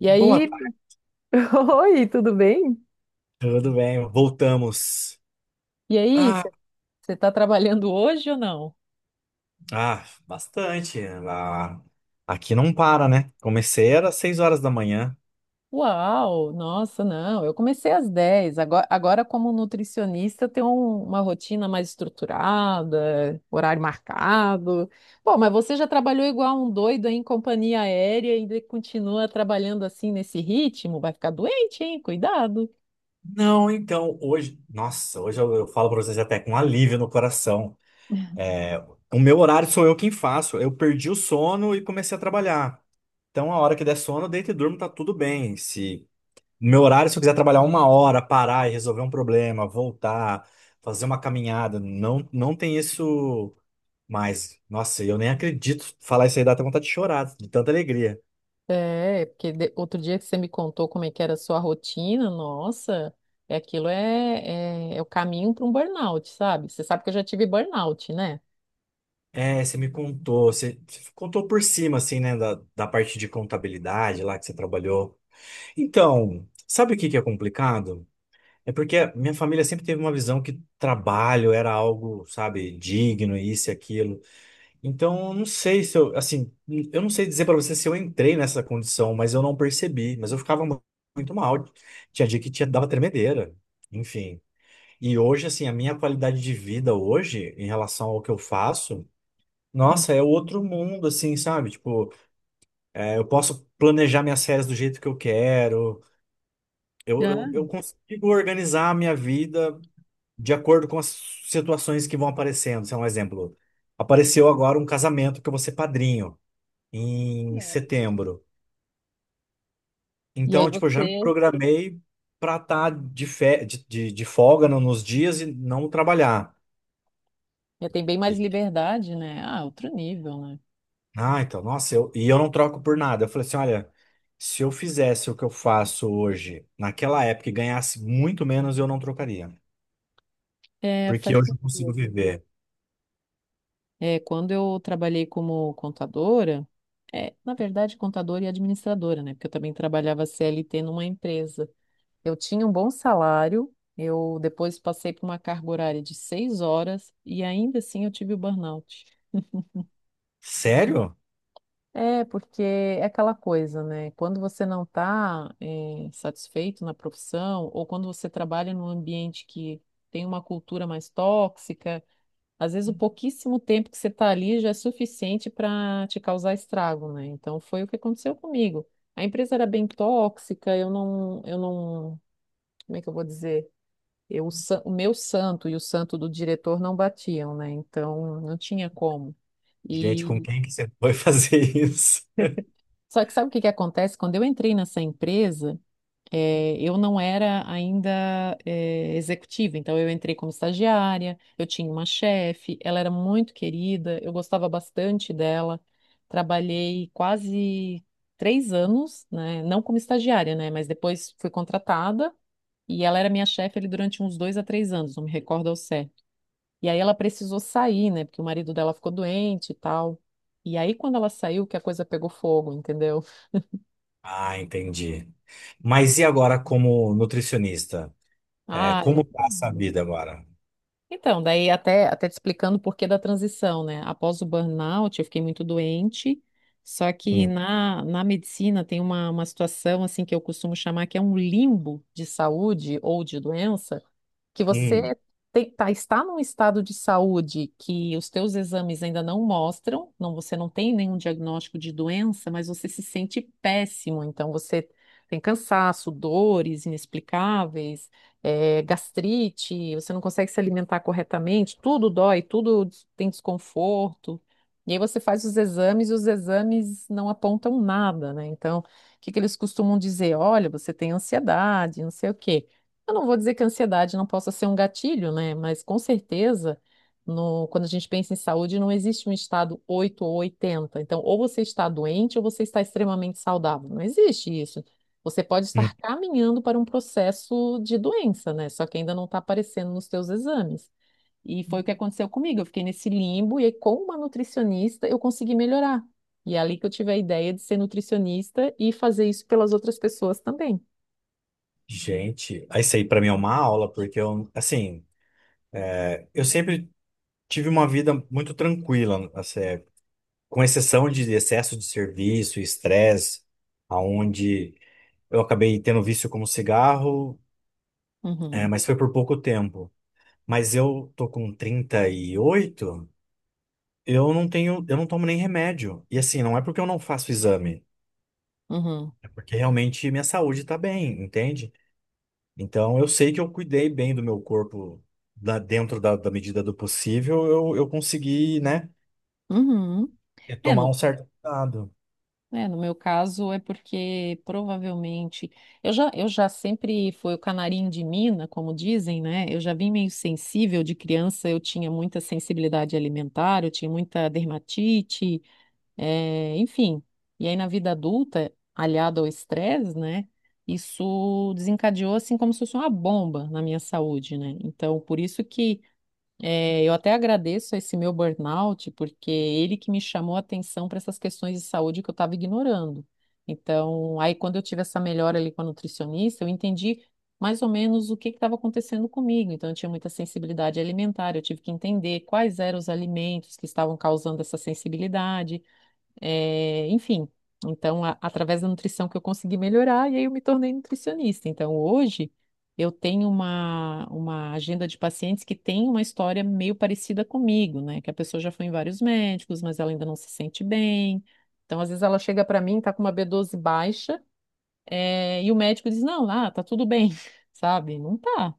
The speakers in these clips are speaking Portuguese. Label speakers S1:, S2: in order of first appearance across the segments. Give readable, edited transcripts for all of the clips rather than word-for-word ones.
S1: E
S2: Boa
S1: aí,
S2: tarde,
S1: oi, tudo bem?
S2: tudo bem? Voltamos.
S1: E aí,
S2: Ah,
S1: você está trabalhando hoje ou não?
S2: ah, bastante. Ah, aqui não para, né? Comecei era 6h da manhã.
S1: Uau, nossa, não, eu comecei às 10. Agora como nutricionista, eu tenho uma rotina mais estruturada, horário marcado. Pô, mas você já trabalhou igual um doido aí em companhia aérea e ainda continua trabalhando assim nesse ritmo? Vai ficar doente, hein? Cuidado.
S2: Não, então, hoje, nossa, hoje eu falo pra vocês até com alívio no coração. É, o meu horário sou eu quem faço. Eu perdi o sono e comecei a trabalhar. Então, a hora que der sono, eu deito e durmo, tá tudo bem. Se no meu horário, se eu quiser trabalhar uma hora, parar e resolver um problema, voltar, fazer uma caminhada, não, não tem isso. Mas, nossa, eu nem acredito. Falar isso aí dá até vontade de chorar, de tanta alegria.
S1: É, porque outro dia que você me contou como é que era a sua rotina, nossa, é aquilo é o caminho para um burnout, sabe? Você sabe que eu já tive burnout, né?
S2: É, você me contou, você contou por cima, assim, né, da parte de contabilidade lá que você trabalhou. Então, sabe o que que é complicado? É porque a minha família sempre teve uma visão que trabalho era algo, sabe, digno, isso e aquilo. Então, eu não sei se eu, assim, eu não sei dizer pra você se eu entrei nessa condição, mas eu não percebi. Mas eu ficava muito mal. Tinha dia que tinha, dava tremedeira. Enfim. E hoje, assim, a minha qualidade de vida hoje, em relação ao que eu faço,
S1: Hum.
S2: nossa, é outro mundo, assim, sabe? Tipo, é, eu posso planejar minhas férias do jeito que eu quero, eu,
S1: Já,
S2: eu, eu consigo organizar a minha vida de acordo com as situações que vão aparecendo. Sei lá, um exemplo, apareceu agora um casamento que eu vou ser padrinho, em
S1: é.
S2: setembro.
S1: E aí
S2: Então, tipo, eu já me
S1: você
S2: programei pra estar de, fe- de folga no- nos dias e não trabalhar.
S1: já tem bem mais liberdade, né? Ah, outro nível, né?
S2: Ah, então, nossa, e eu não troco por nada. Eu falei assim, olha, se eu fizesse o que eu faço hoje, naquela época, e ganhasse muito menos, eu não trocaria.
S1: É,
S2: Porque
S1: faz
S2: hoje eu consigo
S1: sentido.
S2: viver.
S1: É, quando eu trabalhei como contadora, é, na verdade, contadora e administradora, né? Porque eu também trabalhava CLT numa empresa. Eu tinha um bom salário, eu depois passei por uma carga horária de 6 horas e ainda assim eu tive o burnout.
S2: Sério?
S1: É, porque é aquela coisa, né? Quando você não está satisfeito na profissão, ou quando você trabalha num ambiente que tem uma cultura mais tóxica, às vezes o pouquíssimo tempo que você está ali já é suficiente para te causar estrago, né? Então foi o que aconteceu comigo. A empresa era bem tóxica, eu não, como é que eu vou dizer? Eu, o meu santo e o santo do diretor não batiam, né? Então não tinha como.
S2: Gente, com
S1: E
S2: quem que você foi fazer isso?
S1: só que sabe o que que acontece? Quando eu entrei nessa empresa, eu não era ainda executiva, então eu entrei como estagiária, eu tinha uma chefe, ela era muito querida, eu gostava bastante dela. Trabalhei quase 3 anos, né? Não como estagiária, né? Mas depois fui contratada e ela era minha chefe ali durante uns 2 a 3 anos, não me recordo ao certo. E aí ela precisou sair, né? Porque o marido dela ficou doente e tal. E aí, quando ela saiu, que a coisa pegou fogo, entendeu?
S2: Ah, entendi. Mas e agora como nutricionista? É,
S1: Ah,
S2: como tá essa vida agora?
S1: então, daí até, até te explicando o porquê da transição, né? Após o burnout, eu fiquei muito doente, só que
S2: Hum,
S1: na medicina tem uma situação, assim, que eu costumo chamar que é um limbo de saúde ou de doença, que
S2: hum,
S1: você tá, está num estado de saúde que os teus exames ainda não mostram, não, você não tem nenhum diagnóstico de doença, mas você se sente péssimo, então você tem cansaço, dores inexplicáveis, gastrite, você não consegue se alimentar corretamente, tudo dói, tem desconforto. E aí você faz os exames e os exames não apontam nada, né? Então, o que que eles costumam dizer? Olha, você tem ansiedade, não sei o quê. Eu não vou dizer que a ansiedade não possa ser um gatilho, né? Mas com certeza, quando a gente pensa em saúde, não existe um estado 8 ou 80. Então, ou você está doente ou você está extremamente saudável. Não existe isso. Você pode
S2: hum.
S1: estar caminhando para um processo de doença, né? Só que ainda não está aparecendo nos teus exames. E foi o que aconteceu comigo. Eu fiquei nesse limbo e aí, com uma nutricionista eu consegui melhorar. E é ali que eu tive a ideia de ser nutricionista e fazer isso pelas outras pessoas também.
S2: Gente, isso aí pra mim é uma aula, porque eu, assim, eu sempre tive uma vida muito tranquila, assim, é, com exceção de excesso de serviço, estresse, aonde eu acabei tendo vício como cigarro, é,
S1: Uhum,
S2: mas foi por pouco tempo. Mas eu tô com 38. Eu não tenho, eu não tomo nem remédio. E assim, não é porque eu não faço exame,
S1: uhum,
S2: é porque realmente minha saúde tá bem, entende? Então eu sei que eu cuidei bem do meu corpo dentro da medida do possível, eu consegui, né,
S1: uhum. É,
S2: tomar um
S1: no,
S2: certo cuidado.
S1: é, no meu caso é porque provavelmente eu já sempre fui o canarinho de mina, como dizem, né? Eu já vim meio sensível de criança, eu tinha muita sensibilidade alimentar, eu tinha muita dermatite, eh, enfim. E aí na vida adulta, aliado ao estresse, né? Isso desencadeou assim como se fosse uma bomba na minha saúde, né? Então, por isso que é, eu até agradeço a esse meu burnout, porque ele que me chamou a atenção para essas questões de saúde que eu estava ignorando. Então, aí quando eu tive essa melhora ali com a nutricionista, eu entendi mais ou menos o que estava acontecendo comigo. Então, eu tinha muita sensibilidade alimentar, eu tive que entender quais eram os alimentos que estavam causando essa sensibilidade. É, enfim, então, através da nutrição que eu consegui melhorar, e aí eu me tornei nutricionista. Então, hoje, eu tenho uma agenda de pacientes que tem uma história meio parecida comigo, né? Que a pessoa já foi em vários médicos, mas ela ainda não se sente bem. Então, às vezes, ela chega para mim, tá com uma B12 baixa, é, e o médico diz: Não, lá, tá tudo bem, sabe? Não tá.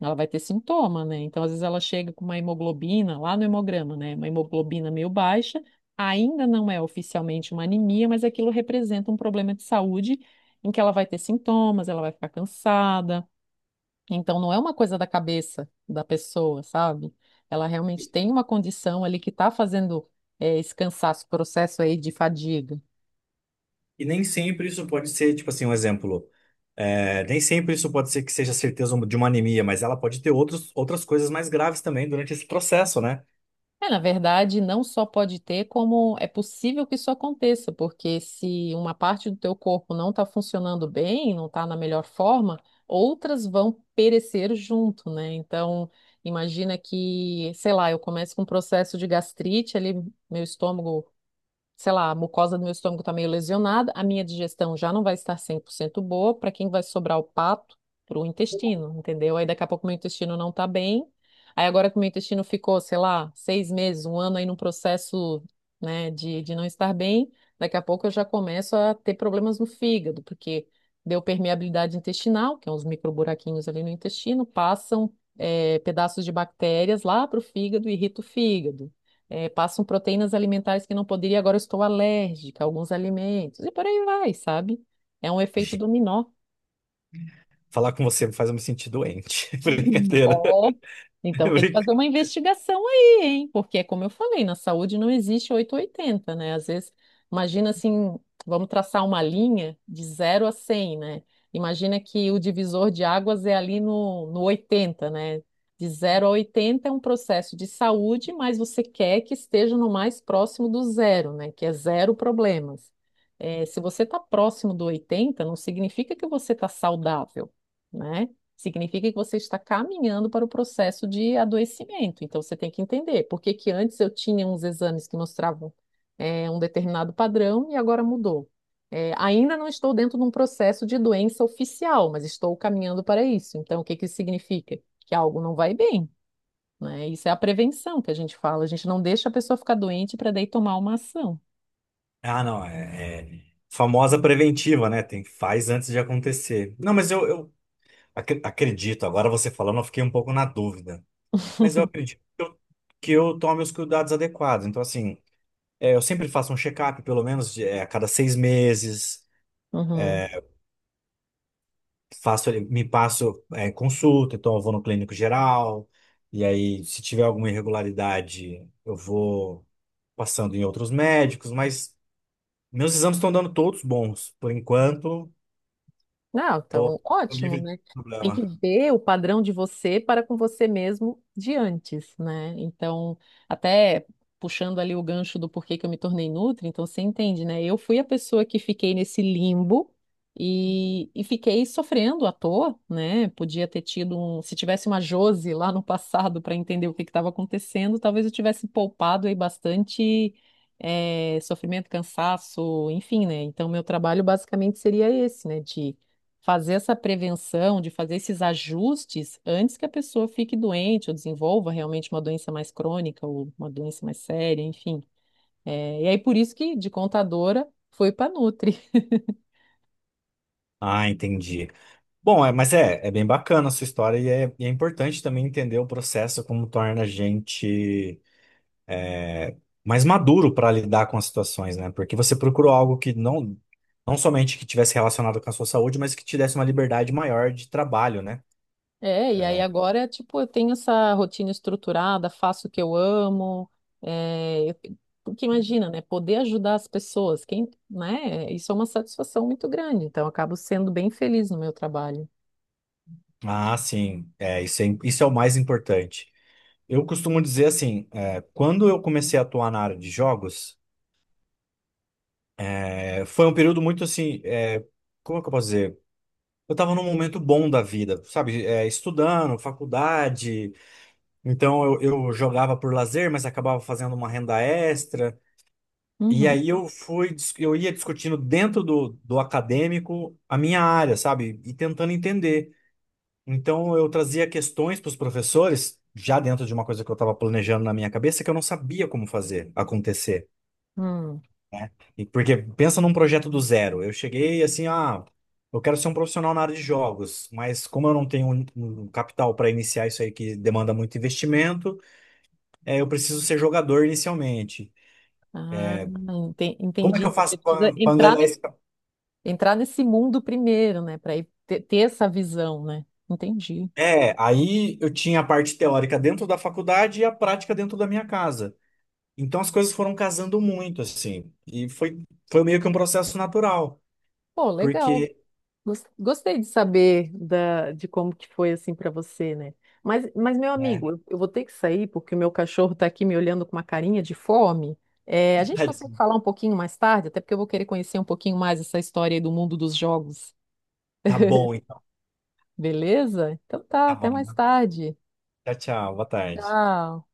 S1: Ela vai ter sintoma, né? Então, às vezes ela chega com uma hemoglobina lá no hemograma, né? Uma hemoglobina meio baixa, ainda não é oficialmente uma anemia, mas aquilo representa um problema de saúde em que ela vai ter sintomas, ela vai ficar cansada. Então, não é uma coisa da cabeça da pessoa, sabe? Ela realmente tem uma condição ali que está fazendo esse cansaço, processo aí de fadiga.
S2: E nem sempre isso pode ser, tipo assim, um exemplo. É, nem sempre isso pode ser que seja certeza um, de uma anemia, mas ela pode ter outros, outras coisas mais graves também durante esse processo, né?
S1: É, na verdade, não só pode ter, como é possível que isso aconteça, porque se uma parte do teu corpo não está funcionando bem, não está na melhor forma, outras vão perecer junto, né? Então, imagina que, sei lá, eu começo com um processo de gastrite, ali meu estômago, sei lá, a mucosa do meu estômago está meio lesionada, a minha digestão já não vai estar 100% boa, para quem vai sobrar o pato? Para o intestino, entendeu? Aí daqui a pouco meu intestino não está bem, aí agora que o meu intestino ficou, sei lá, 6 meses, um ano aí num processo, né, de não estar bem, daqui a pouco eu já começo a ter problemas no fígado, porque deu permeabilidade intestinal, que é uns microburaquinhos ali no intestino, passam pedaços de bactérias lá para o fígado e irrita o fígado, passam proteínas alimentares que não poderia, agora eu estou alérgica a alguns alimentos, e por aí vai, sabe? É um efeito
S2: Ge-
S1: dominó.
S2: Falar com você faz eu me sentir doente. Brincadeira.
S1: Ó, então tem que fazer
S2: Brinca-
S1: uma investigação aí, hein? Porque é como eu falei, na saúde não existe 8 ou 80, né? Às vezes, imagina assim, vamos traçar uma linha de 0 a 100, né? Imagina que o divisor de águas é ali no 80, né? De 0 a 80 é um processo de saúde, mas você quer que esteja no mais próximo do zero, né? Que é zero problemas. É, se você está próximo do 80, não significa que você está saudável, né? Significa que você está caminhando para o processo de adoecimento. Então, você tem que entender por que que antes eu tinha uns exames que mostravam um determinado padrão e agora mudou. Ainda não estou dentro de um processo de doença oficial, mas estou caminhando para isso. Então, o que que isso significa? Que algo não vai bem, né? Isso é a prevenção que a gente fala. A gente não deixa a pessoa ficar doente para daí tomar uma ação.
S2: Ah, não. É, famosa preventiva, né? Tem, faz antes de acontecer. Não, mas eu acredito. Agora você falando, eu fiquei um pouco na dúvida. Mas eu acredito que que eu tome os cuidados adequados. Então, assim, é, eu sempre faço um check-up, pelo menos a cada 6 meses.
S1: Uhum.
S2: Faço, me passo consulta, então eu vou no clínico geral, e aí se tiver alguma irregularidade, eu vou passando em outros médicos, mas meus exames estão dando todos bons. Por enquanto,
S1: Não, então,
S2: tô, tô
S1: ótimo,
S2: livre de
S1: né? Tem que
S2: problema.
S1: ver o padrão de você para com você mesmo de antes, né? Então, até puxando ali o gancho do porquê que eu me tornei nutri, então você entende, né? Eu fui a pessoa que fiquei nesse limbo e fiquei sofrendo à toa, né? Podia ter tido um, se tivesse uma Jose lá no passado para entender o que estava acontecendo, talvez eu tivesse poupado aí bastante sofrimento, cansaço, enfim, né? Então, meu trabalho basicamente seria esse, né? De fazer essa prevenção, de fazer esses ajustes antes que a pessoa fique doente ou desenvolva realmente uma doença mais crônica ou uma doença mais séria, enfim. É, e aí por isso que de contadora foi para Nutri.
S2: Ah, entendi. Bom, é, mas é bem bacana a sua história e é importante também entender o processo, como torna a gente mais maduro para lidar com as situações, né? Porque você procurou algo que não, não somente que tivesse relacionado com a sua saúde, mas que te desse uma liberdade maior de trabalho, né?
S1: É, e aí agora, tipo, eu tenho essa rotina estruturada, faço o que eu amo, é, porque imagina, né, poder ajudar as pessoas, quem, né, isso é uma satisfação muito grande, então eu acabo sendo bem feliz no meu trabalho.
S2: Ah, sim, é, isso é o mais importante. Eu costumo dizer assim, é, quando eu comecei a atuar na área de jogos, é, foi um período muito assim, é, como é que eu posso dizer? Eu estava num momento bom da vida, sabe? É, estudando, faculdade, então eu jogava por lazer, mas acabava fazendo uma renda extra. E
S1: Uhum.
S2: aí eu ia discutindo dentro do acadêmico a minha área, sabe? E tentando entender. Então eu trazia questões para os professores, já dentro de uma coisa que eu estava planejando na minha cabeça, que eu não sabia como fazer acontecer,
S1: Hum.
S2: né? E porque pensa num projeto do zero. Eu cheguei assim, ah, eu quero ser um profissional na área de jogos, mas como eu não tenho um capital para iniciar isso aí que demanda muito investimento, eu preciso ser jogador inicialmente.
S1: Ah,
S2: Como é que eu
S1: entendi. Você
S2: faço
S1: precisa
S2: para
S1: entrar,
S2: angariar esse.
S1: entrar nesse mundo primeiro, né? Para ter essa visão, né? Entendi.
S2: É, aí eu tinha a parte teórica dentro da faculdade e a prática dentro da minha casa. Então as coisas foram casando muito, assim. E foi, foi meio que um processo natural.
S1: Pô, legal.
S2: Porque.
S1: Gostei de saber de como que foi assim para você, né? Mas, meu
S2: É,
S1: amigo, eu vou ter que sair porque o meu cachorro tá aqui me olhando com uma carinha de fome. É, a gente consegue falar um pouquinho mais tarde, até porque eu vou querer conhecer um pouquinho mais essa história aí do mundo dos jogos.
S2: tá bom, então
S1: Beleza? Então tá,
S2: tá
S1: até
S2: bom.
S1: mais tarde.
S2: Tchau, tchau. Boa tarde.
S1: Tchau.